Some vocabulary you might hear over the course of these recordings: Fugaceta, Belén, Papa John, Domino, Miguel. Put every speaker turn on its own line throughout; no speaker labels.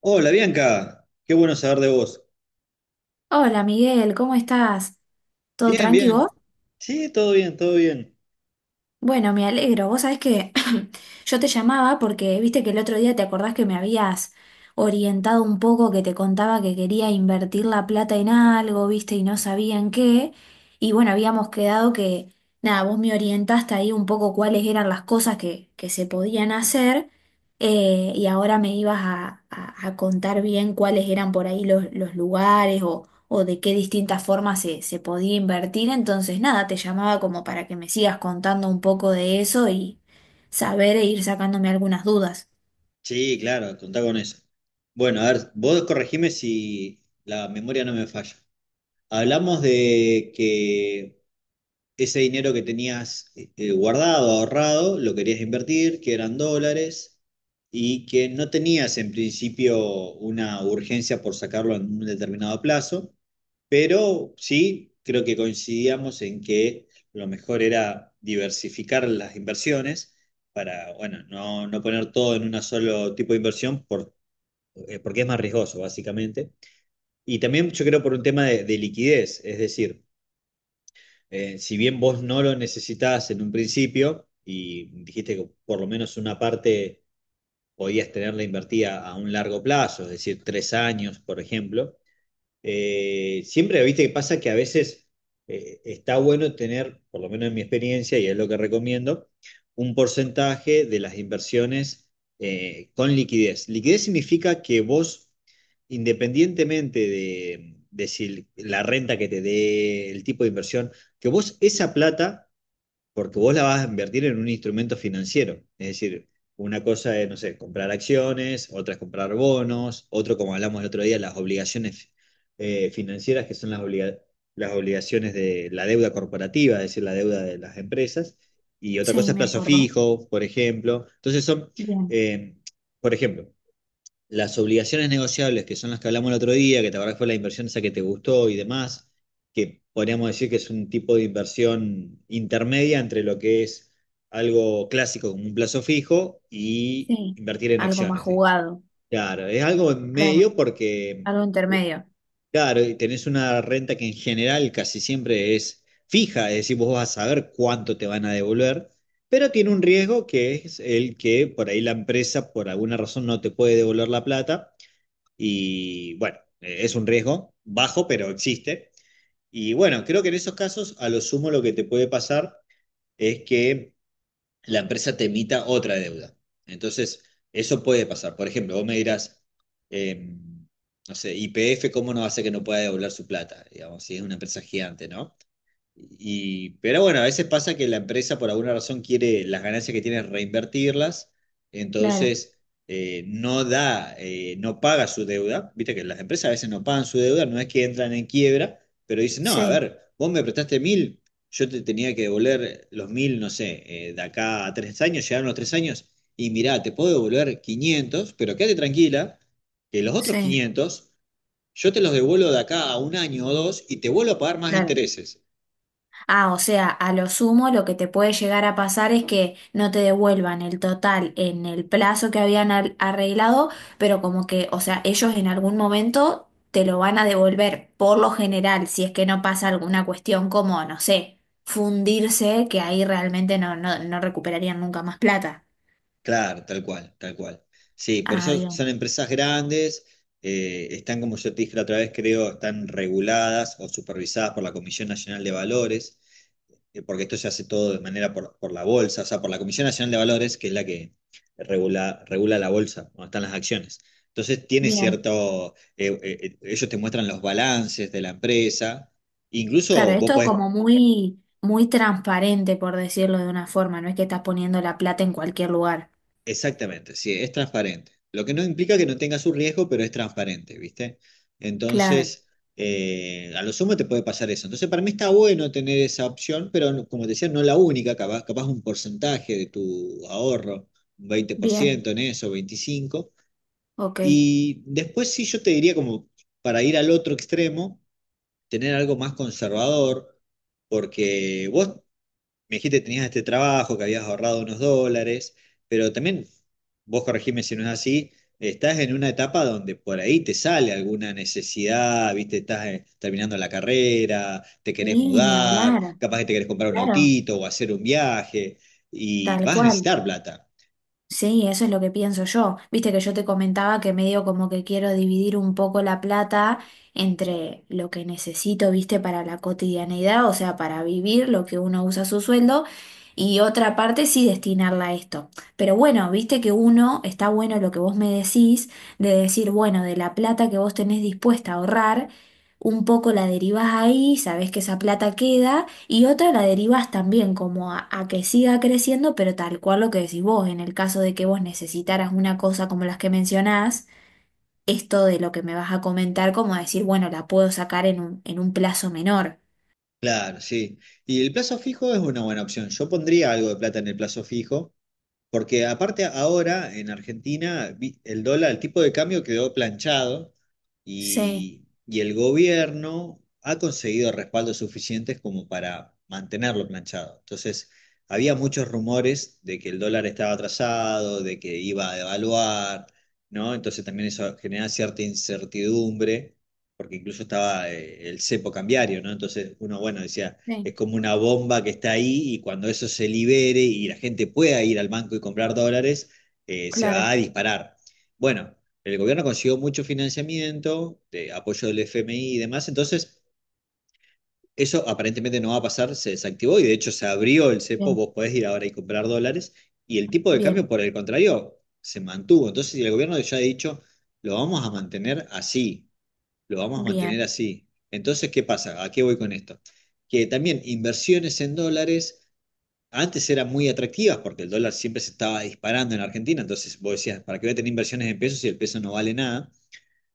Hola Bianca, qué bueno saber de vos.
Hola Miguel, ¿cómo estás? ¿Todo
Bien,
tranqui vos?
bien. Sí, todo bien, todo bien.
Bueno, me alegro. Vos sabés que yo te llamaba porque viste que el otro día te acordás que me habías orientado un poco, que te contaba que quería invertir la plata en algo, viste, y no sabía en qué. Y bueno, habíamos quedado que, nada, vos me orientaste ahí un poco cuáles eran las cosas que se podían hacer y ahora me ibas a contar bien cuáles eran por ahí los lugares o de qué distintas formas se podía invertir. Entonces, nada, te llamaba como para que me sigas contando un poco de eso y saber e ir sacándome algunas dudas.
Sí, claro, contá con eso. Bueno, a ver, vos corregime si la memoria no me falla. Hablamos de que ese dinero que tenías guardado, ahorrado, lo querías invertir, que eran dólares, y que no tenías en principio una urgencia por sacarlo en un determinado plazo. Pero sí, creo que coincidíamos en que lo mejor era diversificar las inversiones para, bueno, no poner todo en un solo tipo de inversión porque es más riesgoso, básicamente. Y también yo creo por un tema de liquidez, es decir, si bien vos no lo necesitabas en un principio y dijiste que por lo menos una parte podías tenerla invertida a un largo plazo, es decir, 3 años, por ejemplo. Siempre, viste, que pasa que a veces está bueno tener, por lo menos en mi experiencia, y es lo que recomiendo, un porcentaje de las inversiones con liquidez. Liquidez significa que vos, independientemente de si la renta que te dé, el tipo de inversión, que vos esa plata porque vos la vas a invertir en un instrumento financiero. Es decir, una cosa es, no sé, comprar acciones, otra es comprar bonos, otro, como hablamos el otro día, las obligaciones financieras, que son las, las obligaciones de la deuda corporativa, es decir, la deuda de las empresas, y otra cosa
Sí,
es
me
plazo
acuerdo.
fijo, por ejemplo. Entonces son,
Bien,
eh, por ejemplo, las obligaciones negociables, que son las que hablamos el otro día, que te acordás que fue la inversión esa que te gustó y demás, que podríamos decir que es un tipo de inversión intermedia entre lo que es algo clásico como un plazo fijo y
sí.
invertir en
Algo más
acciones, ¿sí?
jugado,
Claro, es algo en
claro.
medio porque,
Algo
u-
intermedio,
claro, y tenés una renta que en general casi siempre es fija, es decir, vos vas a saber cuánto te van a devolver, pero tiene un riesgo que es el que por ahí la empresa por alguna razón no te puede devolver la plata. Y bueno, es un riesgo bajo, pero existe. Y bueno, creo que en esos casos, a lo sumo, lo que te puede pasar es que la empresa te emita otra deuda. Entonces, eso puede pasar. Por ejemplo, vos me dirás, eh, no sé, YPF, ¿cómo no hace que no pueda devolver su plata? Digamos, si es una empresa gigante, ¿no? Y, pero bueno, a veces pasa que la empresa por alguna razón quiere las ganancias que tiene reinvertirlas,
claro.
entonces no da, no paga su deuda. Viste que las empresas a veces no pagan su deuda, no es que entran en quiebra, pero dicen, no, a
Sí,
ver, vos me prestaste mil, yo te tenía que devolver los mil, no sé, de acá a 3 años, llegaron los 3 años, y mirá, te puedo devolver 500 pero quédate tranquila, que los otros
sí,
500 yo te los devuelvo de acá a un año o dos y te vuelvo a pagar más
claro.
intereses.
Ah, o sea, a lo sumo lo que te puede llegar a pasar es que no te devuelvan el total en el plazo que habían arreglado, pero como que, o sea, ellos en algún momento te lo van a devolver por lo general, si es que no pasa alguna cuestión como, no sé, fundirse, que ahí realmente no, no, no recuperarían nunca más plata.
Claro, tal cual, tal cual. Sí, por
Ah,
eso
bien,
son empresas grandes, están, como yo te dije la otra vez, creo, están reguladas o supervisadas por la Comisión Nacional de Valores, porque esto se hace todo de manera por la bolsa, o sea, por la Comisión Nacional de Valores, que es la que regula la bolsa, donde están las acciones. Entonces, tiene
bien.
cierto, ellos te muestran los balances de la empresa,
Claro,
incluso vos
esto
podés.
como muy, muy transparente, por decirlo de una forma, no es que estás poniendo la plata en cualquier lugar.
Exactamente, sí, es transparente. Lo que no implica que no tenga su riesgo, pero es transparente, ¿viste?
Claro,
Entonces, a lo sumo te puede pasar eso. Entonces, para mí está bueno tener esa opción, pero no, como te decía, no la única, capaz, capaz un porcentaje de tu ahorro, un
bien,
20% en eso, 25%.
ok.
Y después sí yo te diría como para ir al otro extremo, tener algo más conservador, porque vos me dijiste que tenías este trabajo, que habías ahorrado unos dólares, pero también, vos corregime si no es así, estás en una etapa donde por ahí te sale alguna necesidad, viste, estás terminando la carrera, te querés
Sí, ni
mudar,
hablar,
capaz que te querés comprar un
claro,
autito o hacer un viaje, y
tal
vas a
cual.
necesitar plata.
Sí, eso es lo que pienso yo. Viste que yo te comentaba que medio como que quiero dividir un poco la plata entre lo que necesito, viste, para la cotidianidad, o sea, para vivir, lo que uno usa su sueldo, y otra parte sí destinarla a esto. Pero bueno, viste que uno, está bueno lo que vos me decís, de decir, bueno, de la plata que vos tenés dispuesta a ahorrar, un poco la derivás ahí, sabés que esa plata queda. Y otra la derivas también como a que siga creciendo, pero tal cual lo que decís vos, en el caso de que vos necesitaras una cosa como las que mencionás, esto de lo que me vas a comentar, como decir, bueno, la puedo sacar en un plazo menor.
Claro, sí. Y el plazo fijo es una buena opción. Yo pondría algo de plata en el plazo fijo porque aparte ahora en Argentina el dólar, el tipo de cambio quedó planchado
Sí,
y el gobierno ha conseguido respaldos suficientes como para mantenerlo planchado. Entonces, había muchos rumores de que el dólar estaba atrasado, de que iba a devaluar, ¿no? Entonces también eso genera cierta incertidumbre, porque incluso estaba el cepo cambiario, ¿no? Entonces uno, bueno, decía, es
sí,
como una bomba que está ahí y cuando eso se libere y la gente pueda ir al banco y comprar dólares, se va
claro.
a disparar. Bueno, el gobierno consiguió mucho financiamiento, de apoyo del FMI y demás, entonces eso aparentemente no va a pasar, se desactivó y de hecho se abrió el cepo,
Bien,
vos podés ir ahora y comprar dólares, y el tipo de cambio,
bien,
por el contrario, se mantuvo. Entonces si el gobierno ya ha dicho, lo vamos a mantener así, lo vamos a mantener
bien.
así. Entonces, ¿qué pasa? ¿A qué voy con esto? Que también inversiones en dólares antes eran muy atractivas porque el dólar siempre se estaba disparando en Argentina, entonces vos decías, ¿para qué voy a tener inversiones en pesos si el peso no vale nada?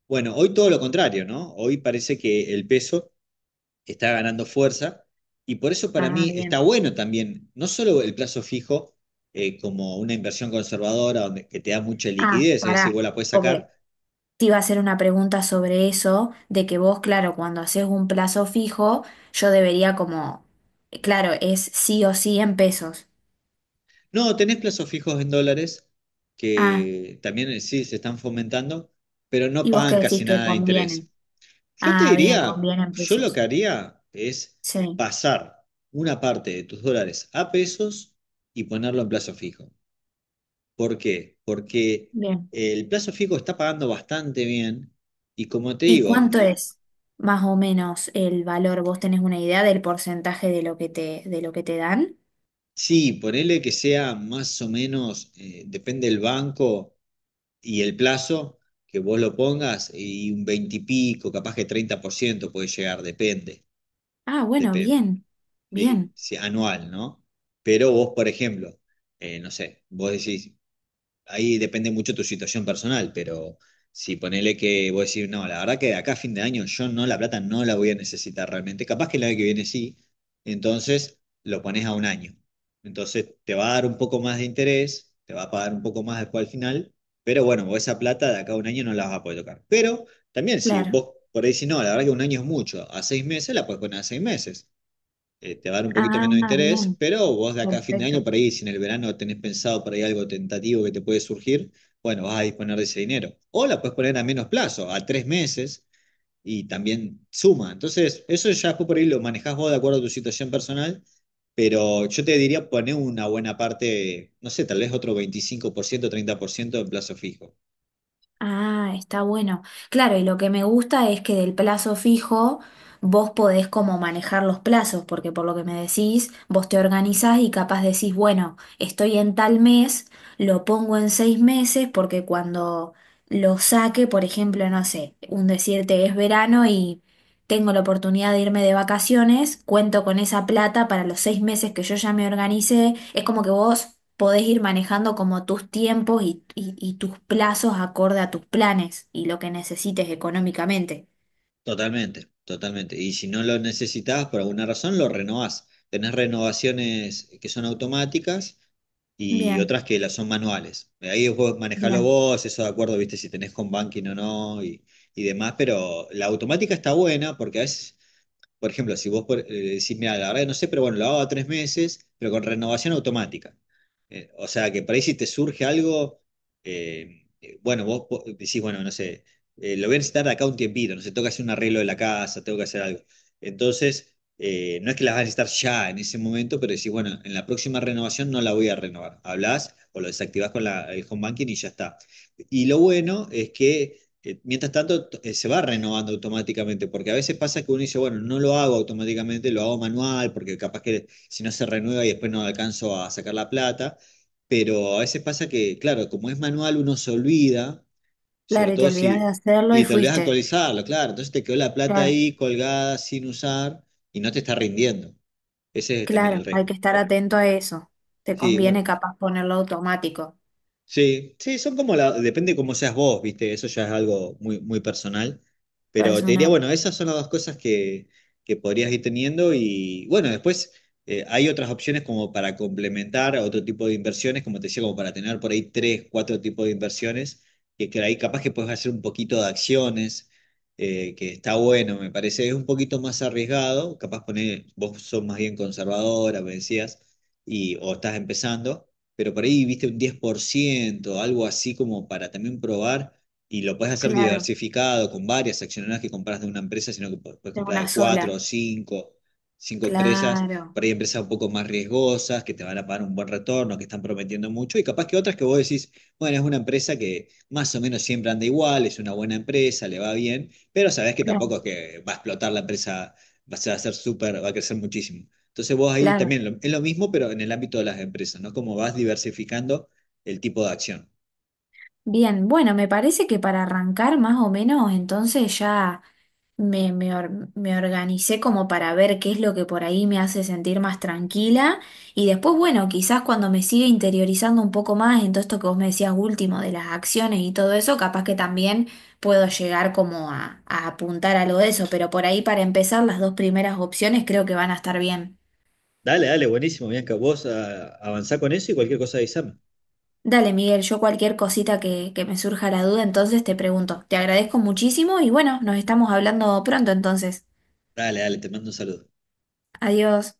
Bueno, hoy todo lo contrario, ¿no? Hoy parece que el peso está ganando fuerza y por eso para
Ah,
mí está
bien.
bueno también, no solo el plazo fijo como una inversión conservadora donde, que te da mucha
Ah,
liquidez, es decir,
pará,
vos la puedes
porque
sacar.
te iba a hacer una pregunta sobre eso, de que vos, claro, cuando haces un plazo fijo, yo debería como, claro, es sí o sí en pesos.
No, tenés plazos fijos en dólares
Ah.
que también sí se están fomentando, pero no
¿Y vos qué
pagan
decís
casi
que
nada de
conviene?
interés. Yo te
Ah, bien,
diría,
conviene en
yo lo
pesos.
que haría es
Sí,
pasar una parte de tus dólares a pesos y ponerlo en plazo fijo. ¿Por qué? Porque
bien.
el plazo fijo está pagando bastante bien y como te
¿Y
digo,
cuánto es más o menos el valor? ¿Vos tenés una idea del porcentaje de lo que te, de lo que te dan?
sí, ponele que sea más o menos, depende del banco y el plazo que vos lo pongas y un 20 y pico, capaz que 30% puede llegar, depende,
Ah, bueno,
depende,
bien,
sí,
bien,
sí, anual, ¿no? Pero vos, por ejemplo, no sé, vos decís, ahí depende mucho tu situación personal, pero si ponele que vos decís, no, la verdad que de acá a fin de año yo no, la plata no la voy a necesitar realmente, capaz que el año que viene sí, entonces lo pones a un año. Entonces te va a dar un poco más de interés, te va a pagar un poco más después al final, pero bueno, vos esa plata de acá a un año no la vas a poder tocar. Pero también si
claro.
vos por ahí decís, no, la verdad que un año es mucho, a 6 meses la puedes poner, a 6 meses te va a dar un poquito
Ah,
menos de interés,
bien,
pero vos de acá a fin de año,
perfecto.
por ahí, si en el verano tenés pensado por ahí algo tentativo que te puede surgir, bueno, vas a disponer de ese dinero. O la puedes poner a menos plazo, a 3 meses, y también suma. Entonces, eso ya después por ahí lo manejás vos de acuerdo a tu situación personal, pero yo te diría poner una buena parte, no sé, tal vez otro 25%, 30% en plazo fijo.
Ah, está bueno. Claro, y lo que me gusta es que del plazo fijo vos podés como manejar los plazos, porque por lo que me decís, vos te organizás y capaz decís, bueno, estoy en tal mes, lo pongo en 6 meses, porque cuando lo saque, por ejemplo, no sé, un decirte es verano y tengo la oportunidad de irme de vacaciones, cuento con esa plata para los 6 meses que yo ya me organicé. Es como que vos podés ir manejando como tus tiempos y tus plazos acorde a tus planes y lo que necesites económicamente.
Totalmente, totalmente. Y si no lo necesitabas por alguna razón, lo renovás. Tenés renovaciones que son automáticas y
Bien,
otras que las son manuales. Ahí vos manejalo
bien.
vos, eso de acuerdo, viste, si tenés home banking o no y, y demás, pero la automática está buena porque a veces por ejemplo, si vos decís, mira, la verdad que no sé, pero bueno, lo hago a 3 meses, pero con renovación automática. O sea, que por ahí si te surge algo, bueno, vos decís, bueno, no sé, lo voy a necesitar de acá un tiempito, no sé, tengo que hacer un arreglo de la casa, tengo que hacer algo. Entonces, no es que las vas a necesitar ya en ese momento, pero decís, bueno, en la próxima renovación no la voy a renovar. Hablás o lo desactivás con el home banking y ya está. Y lo bueno es que mientras tanto se va renovando automáticamente, porque a veces pasa que uno dice, bueno, no lo hago automáticamente, lo hago manual, porque capaz que si no se renueva y después no alcanzo a sacar la plata, pero a veces pasa que, claro, como es manual uno se olvida, sobre
Claro, y te
todo
olvidás de
si,
hacerlo y
y te olvidas de
fuiste.
actualizarlo, claro, entonces te quedó la plata
Claro,
ahí colgada sin usar y no te está rindiendo. Ese es también el
claro, hay
riesgo.
que estar
Pero,
atento a eso. Te
sí, bueno.
conviene capaz ponerlo automático,
Sí, sí, son como la, depende cómo seas vos, viste, eso ya es algo muy personal, pero te diría,
personal.
bueno, esas son las dos cosas que podrías ir teniendo y bueno, después hay otras opciones como para complementar a otro tipo de inversiones, como te decía, como para tener por ahí tres, cuatro tipos de inversiones, que ahí capaz que puedes hacer un poquito de acciones, que está bueno, me parece, es un poquito más arriesgado, capaz poner, vos sos más bien conservadora, me decías, y, o estás empezando pero por ahí viste un 10% algo así como para también probar. Y lo puedes hacer
Claro,
diversificado con varias acciones, no es que compras de una empresa, sino que puedes
de
comprar
una
de cuatro
sola.
o cinco, cinco empresas.
Claro,
Por ahí empresas un poco más riesgosas, que te van a pagar un buen retorno, que están prometiendo mucho. Y capaz que otras que vos decís, bueno, es una empresa que más o menos siempre anda igual, es una buena empresa, le va bien, pero sabés que
claro,
tampoco es que va a explotar la empresa, va a ser súper, va a crecer muchísimo. Entonces vos ahí
claro.
también es lo mismo, pero en el ámbito de las empresas, ¿no? Como vas diversificando el tipo de acción.
Bien, bueno, me parece que para arrancar más o menos, entonces ya me organicé como para ver qué es lo que por ahí me hace sentir más tranquila y después, bueno, quizás cuando me siga interiorizando un poco más en todo esto que vos me decías último de las acciones y todo eso, capaz que también puedo llegar como a apuntar algo de eso, pero por ahí para empezar las dos primeras opciones creo que van a estar bien.
Dale, dale, buenísimo, Bianca. Vos avanzá con eso y cualquier cosa avísame.
Dale, Miguel, yo cualquier cosita que me surja la duda, entonces te pregunto. Te agradezco muchísimo y bueno, nos estamos hablando pronto entonces.
Dale, dale, te mando un saludo.
Adiós.